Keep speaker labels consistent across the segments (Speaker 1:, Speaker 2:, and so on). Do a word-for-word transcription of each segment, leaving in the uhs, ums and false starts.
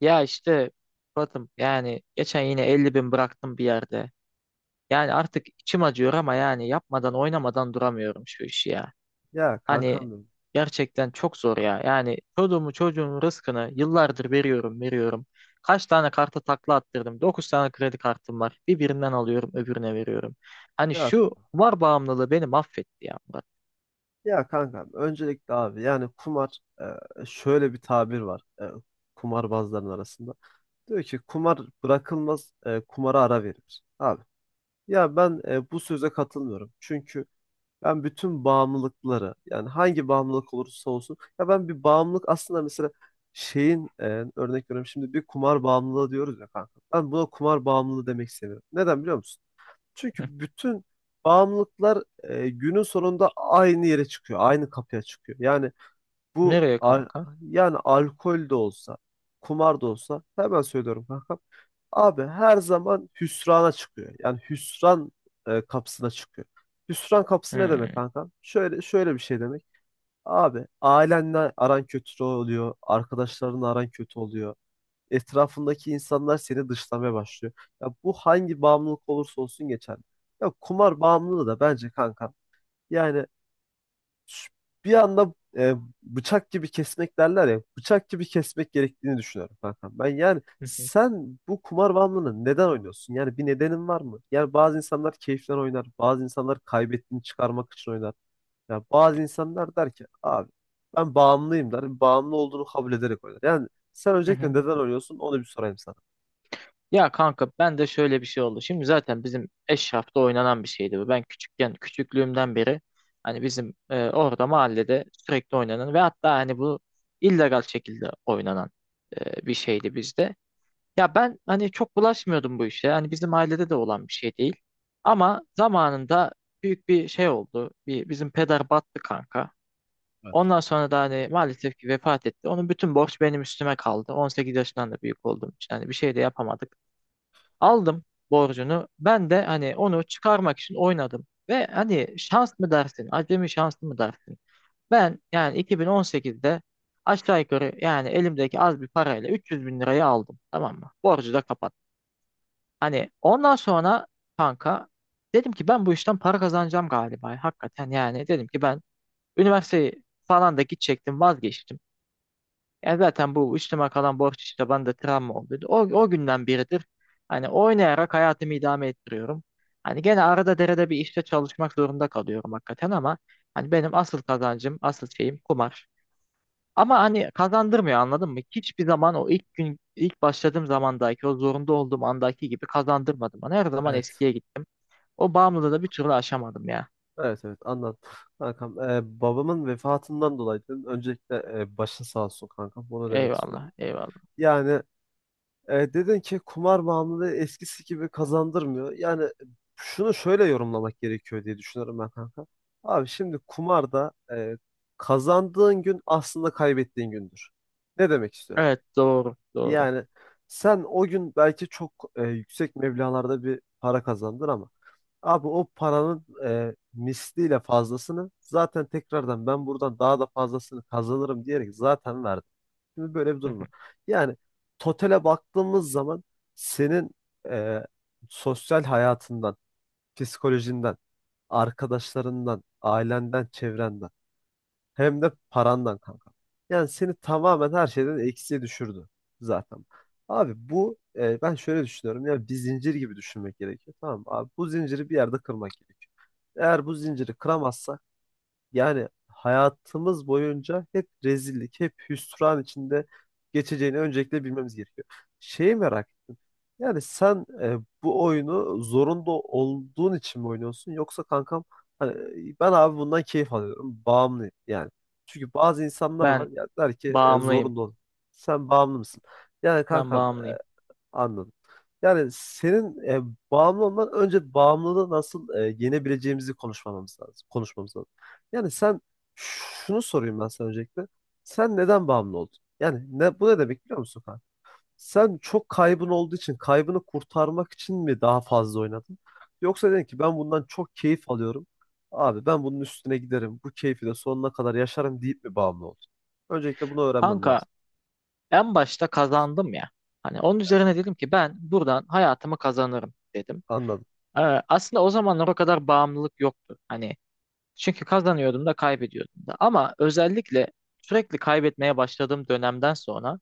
Speaker 1: Ya işte Batım yani geçen yine elli bin bıraktım bir yerde. Yani artık içim acıyor ama yani yapmadan oynamadan duramıyorum şu işi ya.
Speaker 2: Ya
Speaker 1: Hani
Speaker 2: kankam benim.
Speaker 1: gerçekten çok zor ya. Yani çocuğumu çocuğumun rızkını yıllardır veriyorum veriyorum. Kaç tane karta takla attırdım. Dokuz tane kredi kartım var. Bir birinden alıyorum öbürüne veriyorum. Hani
Speaker 2: Ya,
Speaker 1: şu kumar bağımlılığı beni mahvetti ya Murat.
Speaker 2: ya kankam öncelikle abi yani kumar e, şöyle bir tabir var e, kumarbazların arasında. Diyor ki kumar bırakılmaz e, kumara ara verilir. Abi ya ben e, bu söze katılmıyorum. Çünkü ben bütün bağımlılıkları yani hangi bağımlılık olursa olsun ya ben bir bağımlılık aslında mesela şeyin e, örnek veriyorum şimdi bir kumar bağımlılığı diyoruz ya kanka. Ben buna kumar bağımlılığı demek istemiyorum. Neden biliyor musun?
Speaker 1: Hı.
Speaker 2: Çünkü bütün bağımlılıklar e, günün sonunda aynı yere çıkıyor, aynı kapıya çıkıyor. Yani bu
Speaker 1: Nereye
Speaker 2: al-
Speaker 1: kanka?
Speaker 2: yani alkol de olsa, kumar da olsa hemen söylüyorum kanka. Abi her zaman hüsrana çıkıyor. Yani hüsran e, kapısına çıkıyor. Hüsran kapısı ne
Speaker 1: Hmm.
Speaker 2: demek kanka? Şöyle şöyle bir şey demek. Abi ailenle aran kötü oluyor, arkadaşlarınla aran kötü oluyor, etrafındaki insanlar seni dışlamaya başlıyor. Ya bu hangi bağımlılık olursa olsun geçerli. Ya kumar bağımlılığı da bence kanka. Yani şu- bir anda e, bıçak gibi kesmek derler ya. Bıçak gibi kesmek gerektiğini düşünüyorum kankam. Ben yani sen bu kumar bağımlılığını neden oynuyorsun? Yani bir nedenin var mı? Yani bazı insanlar keyiften oynar. Bazı insanlar kaybettiğini çıkarmak için oynar. Ya bazı insanlar der ki abi ben bağımlıyım der. Bağımlı olduğunu kabul ederek oynar. Yani sen öncelikle neden oynuyorsun onu bir sorayım sana.
Speaker 1: Ya kanka ben de şöyle bir şey oldu. Şimdi zaten bizim Eşraf'ta oynanan bir şeydi bu. Ben küçükken, küçüklüğümden beri hani bizim e, orada mahallede sürekli oynanan ve hatta hani bu illegal şekilde oynanan e, bir şeydi bizde. Ya ben hani çok bulaşmıyordum bu işe. Hani bizim ailede de olan bir şey değil. Ama zamanında büyük bir şey oldu. Bir, bizim peder battı kanka. Ondan sonra da hani maalesef ki vefat etti. Onun bütün borç benim üstüme kaldı. On sekiz yaşından da büyük olduğum için hani bir şey de yapamadık. Aldım borcunu. Ben de hani onu çıkarmak için oynadım. Ve hani şans mı dersin, acemi şans mı dersin? Ben yani iki bin on sekizde aşağı yukarı yani elimdeki az bir parayla üç yüz bin lirayı aldım. Tamam mı? Borcu da kapattım. Hani ondan sonra kanka dedim ki ben bu işten para kazanacağım galiba. Hakikaten yani dedim ki ben üniversiteyi falan da gidecektim vazgeçtim. Ya zaten bu üstüme kalan borç işte bende travma oldu. O, o günden biridir. Hani oynayarak hayatımı idame ettiriyorum. Hani gene arada derede bir işte çalışmak zorunda kalıyorum hakikaten ama hani benim asıl kazancım, asıl şeyim kumar. Ama hani kazandırmıyor anladın mı? Hiçbir zaman o ilk gün, ilk başladığım zamandaki, o zorunda olduğum andaki gibi kazandırmadım bana. Her zaman
Speaker 2: Evet.
Speaker 1: eskiye gittim. O bağımlılığı da bir türlü aşamadım ya.
Speaker 2: Evet evet anladım. Kankam e, babamın vefatından dolayı dedim. Öncelikle e, başın sağ olsun kankam. Bunu demek istiyorum.
Speaker 1: Eyvallah, eyvallah.
Speaker 2: Yani e, dedin ki kumar bağımlılığı eskisi gibi kazandırmıyor. Yani şunu şöyle yorumlamak gerekiyor diye düşünüyorum ben kanka. Abi şimdi kumarda e, kazandığın gün aslında kaybettiğin gündür. Ne demek istiyorum?
Speaker 1: Evet, doğru, doğru.
Speaker 2: Yani sen o gün belki çok e, yüksek meblağlarda bir para kazandın ama Abi o paranın e, misliyle fazlasını zaten tekrardan ben buradan daha da fazlasını kazanırım diyerek zaten verdim. Şimdi böyle bir
Speaker 1: Hı
Speaker 2: durum
Speaker 1: hı.
Speaker 2: var. Yani totale baktığımız zaman senin e, sosyal hayatından, psikolojinden, arkadaşlarından, ailenden, çevrenden hem de parandan kanka. Yani seni tamamen her şeyden eksiye düşürdü zaten. Abi bu e, ben şöyle düşünüyorum. ya bir zincir gibi düşünmek gerekiyor. Tamam mı? Abi bu zinciri bir yerde kırmak gerekiyor. Eğer bu zinciri kıramazsak yani hayatımız boyunca hep rezillik, hep hüsran içinde geçeceğini öncelikle bilmemiz gerekiyor. Şeyi merak ettim. Yani sen e, bu oyunu zorunda olduğun için mi oynuyorsun, yoksa kankam hani e, ben abi bundan keyif alıyorum. Bağımlıyım yani. Çünkü bazı insanlar var
Speaker 1: Ben
Speaker 2: ya der ki e,
Speaker 1: bağımlıyım.
Speaker 2: zorunda ol. Sen bağımlı mısın? Yani
Speaker 1: Ben
Speaker 2: kankam
Speaker 1: bağımlıyım.
Speaker 2: e, anladım. Yani senin e, bağımlı olman önce bağımlılığı nasıl e, yenebileceğimizi konuşmamamız lazım. Konuşmamız lazım. Yani sen şunu sorayım ben sana öncelikle. Sen neden bağımlı oldun? Yani ne, bu ne demek biliyor musun kanka? Sen çok kaybın olduğu için kaybını kurtarmak için mi daha fazla oynadın? Yoksa dedin ki ben bundan çok keyif alıyorum. Abi ben bunun üstüne giderim. Bu keyfi de sonuna kadar yaşarım deyip mi bağımlı oldun? Öncelikle bunu öğrenmem
Speaker 1: Kanka,
Speaker 2: lazım.
Speaker 1: en başta kazandım ya. Hani onun üzerine dedim ki ben buradan hayatımı kazanırım dedim.
Speaker 2: Anladım.
Speaker 1: Ee, aslında o zamanlar o kadar bağımlılık yoktu. Hani çünkü kazanıyordum da kaybediyordum da. Ama özellikle sürekli kaybetmeye başladığım dönemden sonra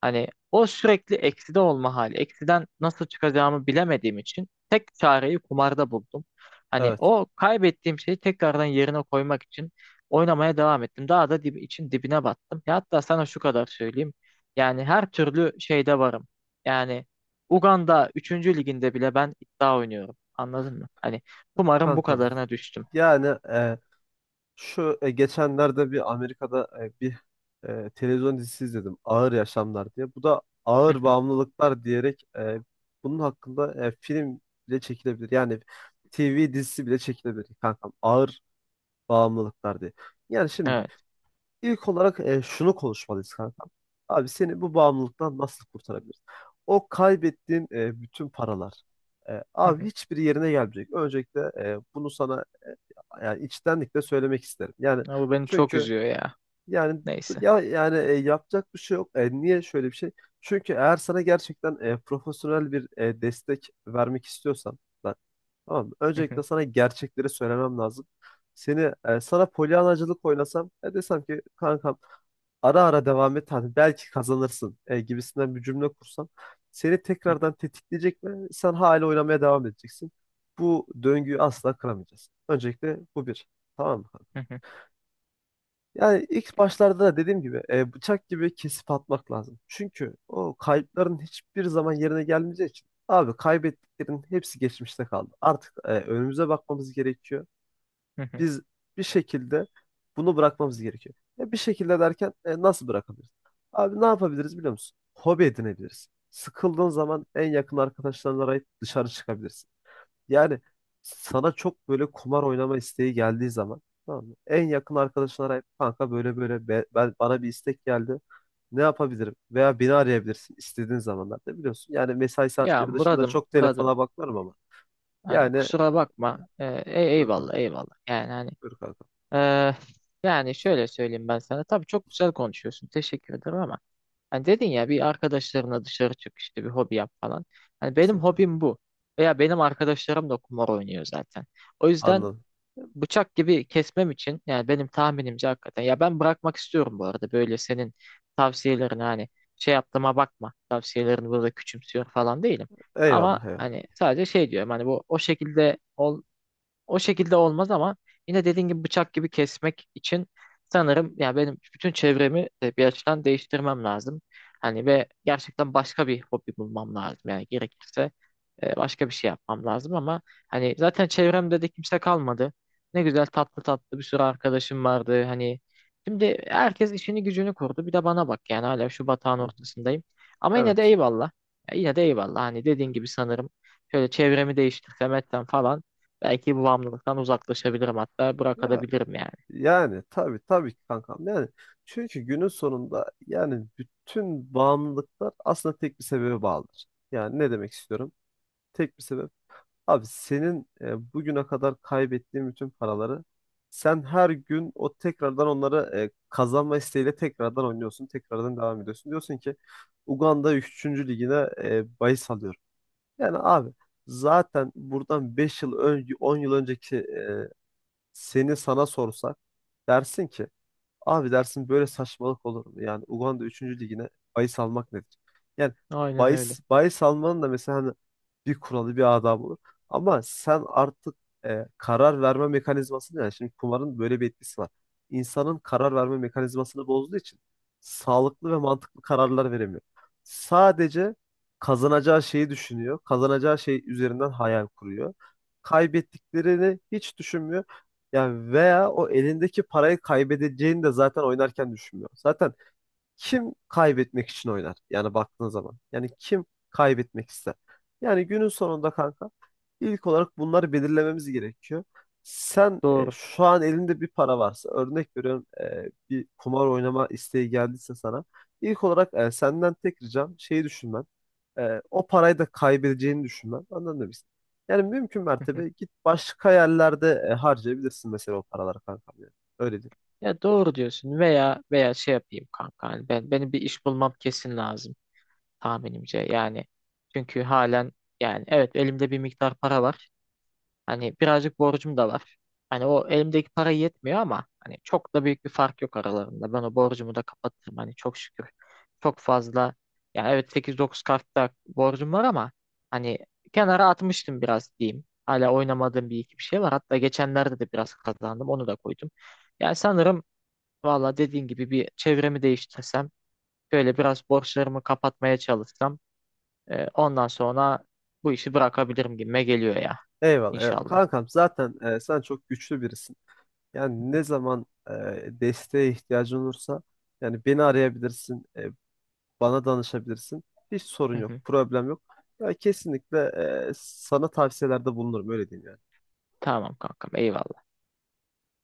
Speaker 1: hani o sürekli ekside olma hali. Eksiden nasıl çıkacağımı bilemediğim için tek çareyi kumarda buldum. Hani
Speaker 2: Evet.
Speaker 1: o kaybettiğim şeyi tekrardan yerine koymak için oynamaya devam ettim. Daha da dib için dibine battım. Ya hatta sana şu kadar söyleyeyim. Yani her türlü şeyde varım. Yani Uganda üçüncü liginde bile ben iddia oynuyorum. Anladın mı? Hani kumarın bu
Speaker 2: Kankam.
Speaker 1: kadarına düştüm.
Speaker 2: Yani e, Şu e, geçenlerde bir Amerika'da e, bir e, televizyon dizisi izledim. Ağır Yaşamlar diye. Bu da
Speaker 1: Hı
Speaker 2: ağır
Speaker 1: hı.
Speaker 2: bağımlılıklar diyerek e, bunun hakkında e, film bile çekilebilir. Yani T V dizisi bile çekilebilir kankam. Ağır bağımlılıklar diye. Yani şimdi
Speaker 1: Evet.
Speaker 2: ilk olarak e, şunu konuşmalıyız kankam. Abi seni bu bağımlılıktan nasıl kurtarabiliriz? O kaybettiğin e, bütün paralar. E,
Speaker 1: Hı
Speaker 2: abi
Speaker 1: hı.
Speaker 2: hiçbir yerine gelmeyecek. Öncelikle e, bunu sana yani içtenlikle söylemek isterim. Yani
Speaker 1: Ya bu beni çok
Speaker 2: çünkü
Speaker 1: üzüyor ya.
Speaker 2: yani
Speaker 1: Neyse.
Speaker 2: ya yani e, yapacak bir şey yok. E, niye şöyle bir şey? Çünkü eğer sana gerçekten e, profesyonel bir e, destek vermek istiyorsan ben, tamam mı?
Speaker 1: Hı
Speaker 2: Öncelikle
Speaker 1: hı.
Speaker 2: sana gerçekleri söylemem lazım. Seni e, sana polyanacılık oynasam e, desem ki kankam ara ara devam et hani belki kazanırsın e, gibisinden bir cümle kursam seni tekrardan tetikleyecek ve sen hala oynamaya devam edeceksin. Bu döngüyü asla kıramayacağız. Öncelikle bu bir. Tamam mı?
Speaker 1: Hı hı.
Speaker 2: Yani ilk başlarda da dediğim gibi e, bıçak gibi kesip atmak lazım. Çünkü o kayıpların hiçbir zaman yerine gelmeyeceği için abi kaybettiklerin hepsi geçmişte kaldı. Artık e, önümüze bakmamız gerekiyor.
Speaker 1: Hı hı.
Speaker 2: Biz bir şekilde bunu bırakmamız gerekiyor. E, bir şekilde derken e, nasıl bırakabiliriz? Abi ne yapabiliriz biliyor musun? Hobi edinebiliriz. Sıkıldığın zaman en yakın arkadaşlarına arayıp dışarı çıkabilirsin. Yani sana çok böyle kumar oynama isteği geldiği zaman tamam mı? En yakın arkadaşını arayıp kanka böyle böyle be- ben, bana bir istek geldi. Ne yapabilirim? Veya beni arayabilirsin istediğin zamanlarda biliyorsun. Yani mesai
Speaker 1: Ya
Speaker 2: saatleri dışında
Speaker 1: Murad'ım,
Speaker 2: çok
Speaker 1: Murad'ım,
Speaker 2: telefona bakmıyorum ama.
Speaker 1: yani
Speaker 2: Yani
Speaker 1: kusura bakma. Ee, ey-
Speaker 2: dur
Speaker 1: eyvallah
Speaker 2: kanka,
Speaker 1: eyvallah. Yani hani
Speaker 2: dur kanka.
Speaker 1: eee, yani şöyle söyleyeyim ben sana. Tabii çok güzel konuşuyorsun. Teşekkür ederim ama hani dedin ya bir arkadaşlarına dışarı çık işte bir hobi yap falan. Hani benim
Speaker 2: Kesinlikle.
Speaker 1: hobim bu. Veya benim arkadaşlarım da kumar oynuyor zaten. O yüzden
Speaker 2: Anladım.
Speaker 1: bıçak gibi kesmem için yani benim tahminimce hakikaten ya ben bırakmak istiyorum bu arada böyle senin tavsiyelerini hani şey yaptığıma bakma, tavsiyelerini burada küçümsüyor falan değilim, ama
Speaker 2: Eyvallah, eyvallah.
Speaker 1: hani sadece şey diyorum hani bu o şekilde o şekilde olmaz ama yine dediğin gibi bıçak gibi kesmek için sanırım yani benim bütün çevremi de bir açıdan değiştirmem lazım. Hani ve gerçekten başka bir hobi bulmam lazım. Yani gerekirse e, başka bir şey yapmam lazım ama hani zaten çevremde de kimse kalmadı. Ne güzel tatlı tatlı bir sürü arkadaşım vardı. Hani şimdi herkes işini gücünü kurdu. Bir de bana bak yani hala şu batağın
Speaker 2: Hı hı.
Speaker 1: ortasındayım. Ama yine de
Speaker 2: Evet.
Speaker 1: eyvallah. Ya yine de eyvallah. Hani dediğin gibi sanırım şöyle çevremi değiştirsem etsem falan belki bu bağımlılıktan uzaklaşabilirim hatta
Speaker 2: Ya
Speaker 1: bırakabilirim yani.
Speaker 2: yani tabii tabii ki kankam. Yani çünkü günün sonunda yani bütün bağımlılıklar aslında tek bir sebebe bağlıdır. Yani ne demek istiyorum? Tek bir sebep. Abi senin e, bugüne kadar kaybettiğin bütün paraları sen her gün o tekrardan onları e, kazanma isteğiyle tekrardan oynuyorsun. Tekrardan devam ediyorsun. Diyorsun ki Uganda üçüncü ligine e, bahis alıyorum. Yani abi zaten buradan beş yıl önce on yıl önceki e, seni sana sorsak dersin ki abi dersin, böyle saçmalık olur mu? Yani Uganda üçüncü ligine bahis almak nedir? Yani
Speaker 1: Aynen öyle.
Speaker 2: bahis, bahis almanın da mesela hani bir kuralı bir adabı olur. Ama sen artık e, karar verme mekanizmasını yani şimdi kumarın böyle bir etkisi var. İnsanın karar verme mekanizmasını bozduğu için sağlıklı ve mantıklı kararlar veremiyor. Sadece kazanacağı şeyi düşünüyor. Kazanacağı şey üzerinden hayal kuruyor. Kaybettiklerini hiç düşünmüyor. Yani veya o elindeki parayı kaybedeceğini de zaten oynarken düşünmüyor. Zaten kim kaybetmek için oynar? Yani baktığın zaman. Yani kim kaybetmek ister? Yani günün sonunda kanka ilk olarak bunları belirlememiz gerekiyor. Sen e,
Speaker 1: Doğru.
Speaker 2: şu an elinde bir para varsa örnek veriyorum e, bir kumar oynama isteği geldiyse sana ilk olarak e, senden tek ricam şeyi düşünmen. E, o parayı da kaybedeceğini düşünmen. Anladın mı? biz? Yani mümkün
Speaker 1: Hı hı.
Speaker 2: mertebe git başka yerlerde e, harcayabilirsin mesela o paraları kankam. Yani. Öyle diyeyim.
Speaker 1: Ya doğru diyorsun veya veya şey yapayım kanka hani ben benim bir iş bulmam kesin lazım tahminimce yani. Çünkü halen yani evet elimde bir miktar para var. Hani birazcık borcum da var. Hani o elimdeki para yetmiyor ama hani çok da büyük bir fark yok aralarında. Ben o borcumu da kapatırım hani çok şükür. Çok fazla yani evet sekiz dokuz kartta borcum var ama hani kenara atmıştım biraz diyeyim. Hala oynamadığım bir iki bir şey var. Hatta geçenlerde de biraz kazandım. Onu da koydum. Yani sanırım valla dediğin gibi bir çevremi değiştirsem, böyle biraz borçlarımı kapatmaya çalışsam e, ondan sonra bu işi bırakabilirim gibime geliyor ya
Speaker 2: Eyvallah, eyvallah.
Speaker 1: inşallah.
Speaker 2: Kankam zaten e, sen çok güçlü birisin. Yani ne zaman e, desteğe ihtiyacın olursa yani beni arayabilirsin, e, bana danışabilirsin. Hiç sorun yok, problem yok. Ya kesinlikle e, sana tavsiyelerde bulunurum öyle diyeyim yani.
Speaker 1: Tamam kankam eyvallah.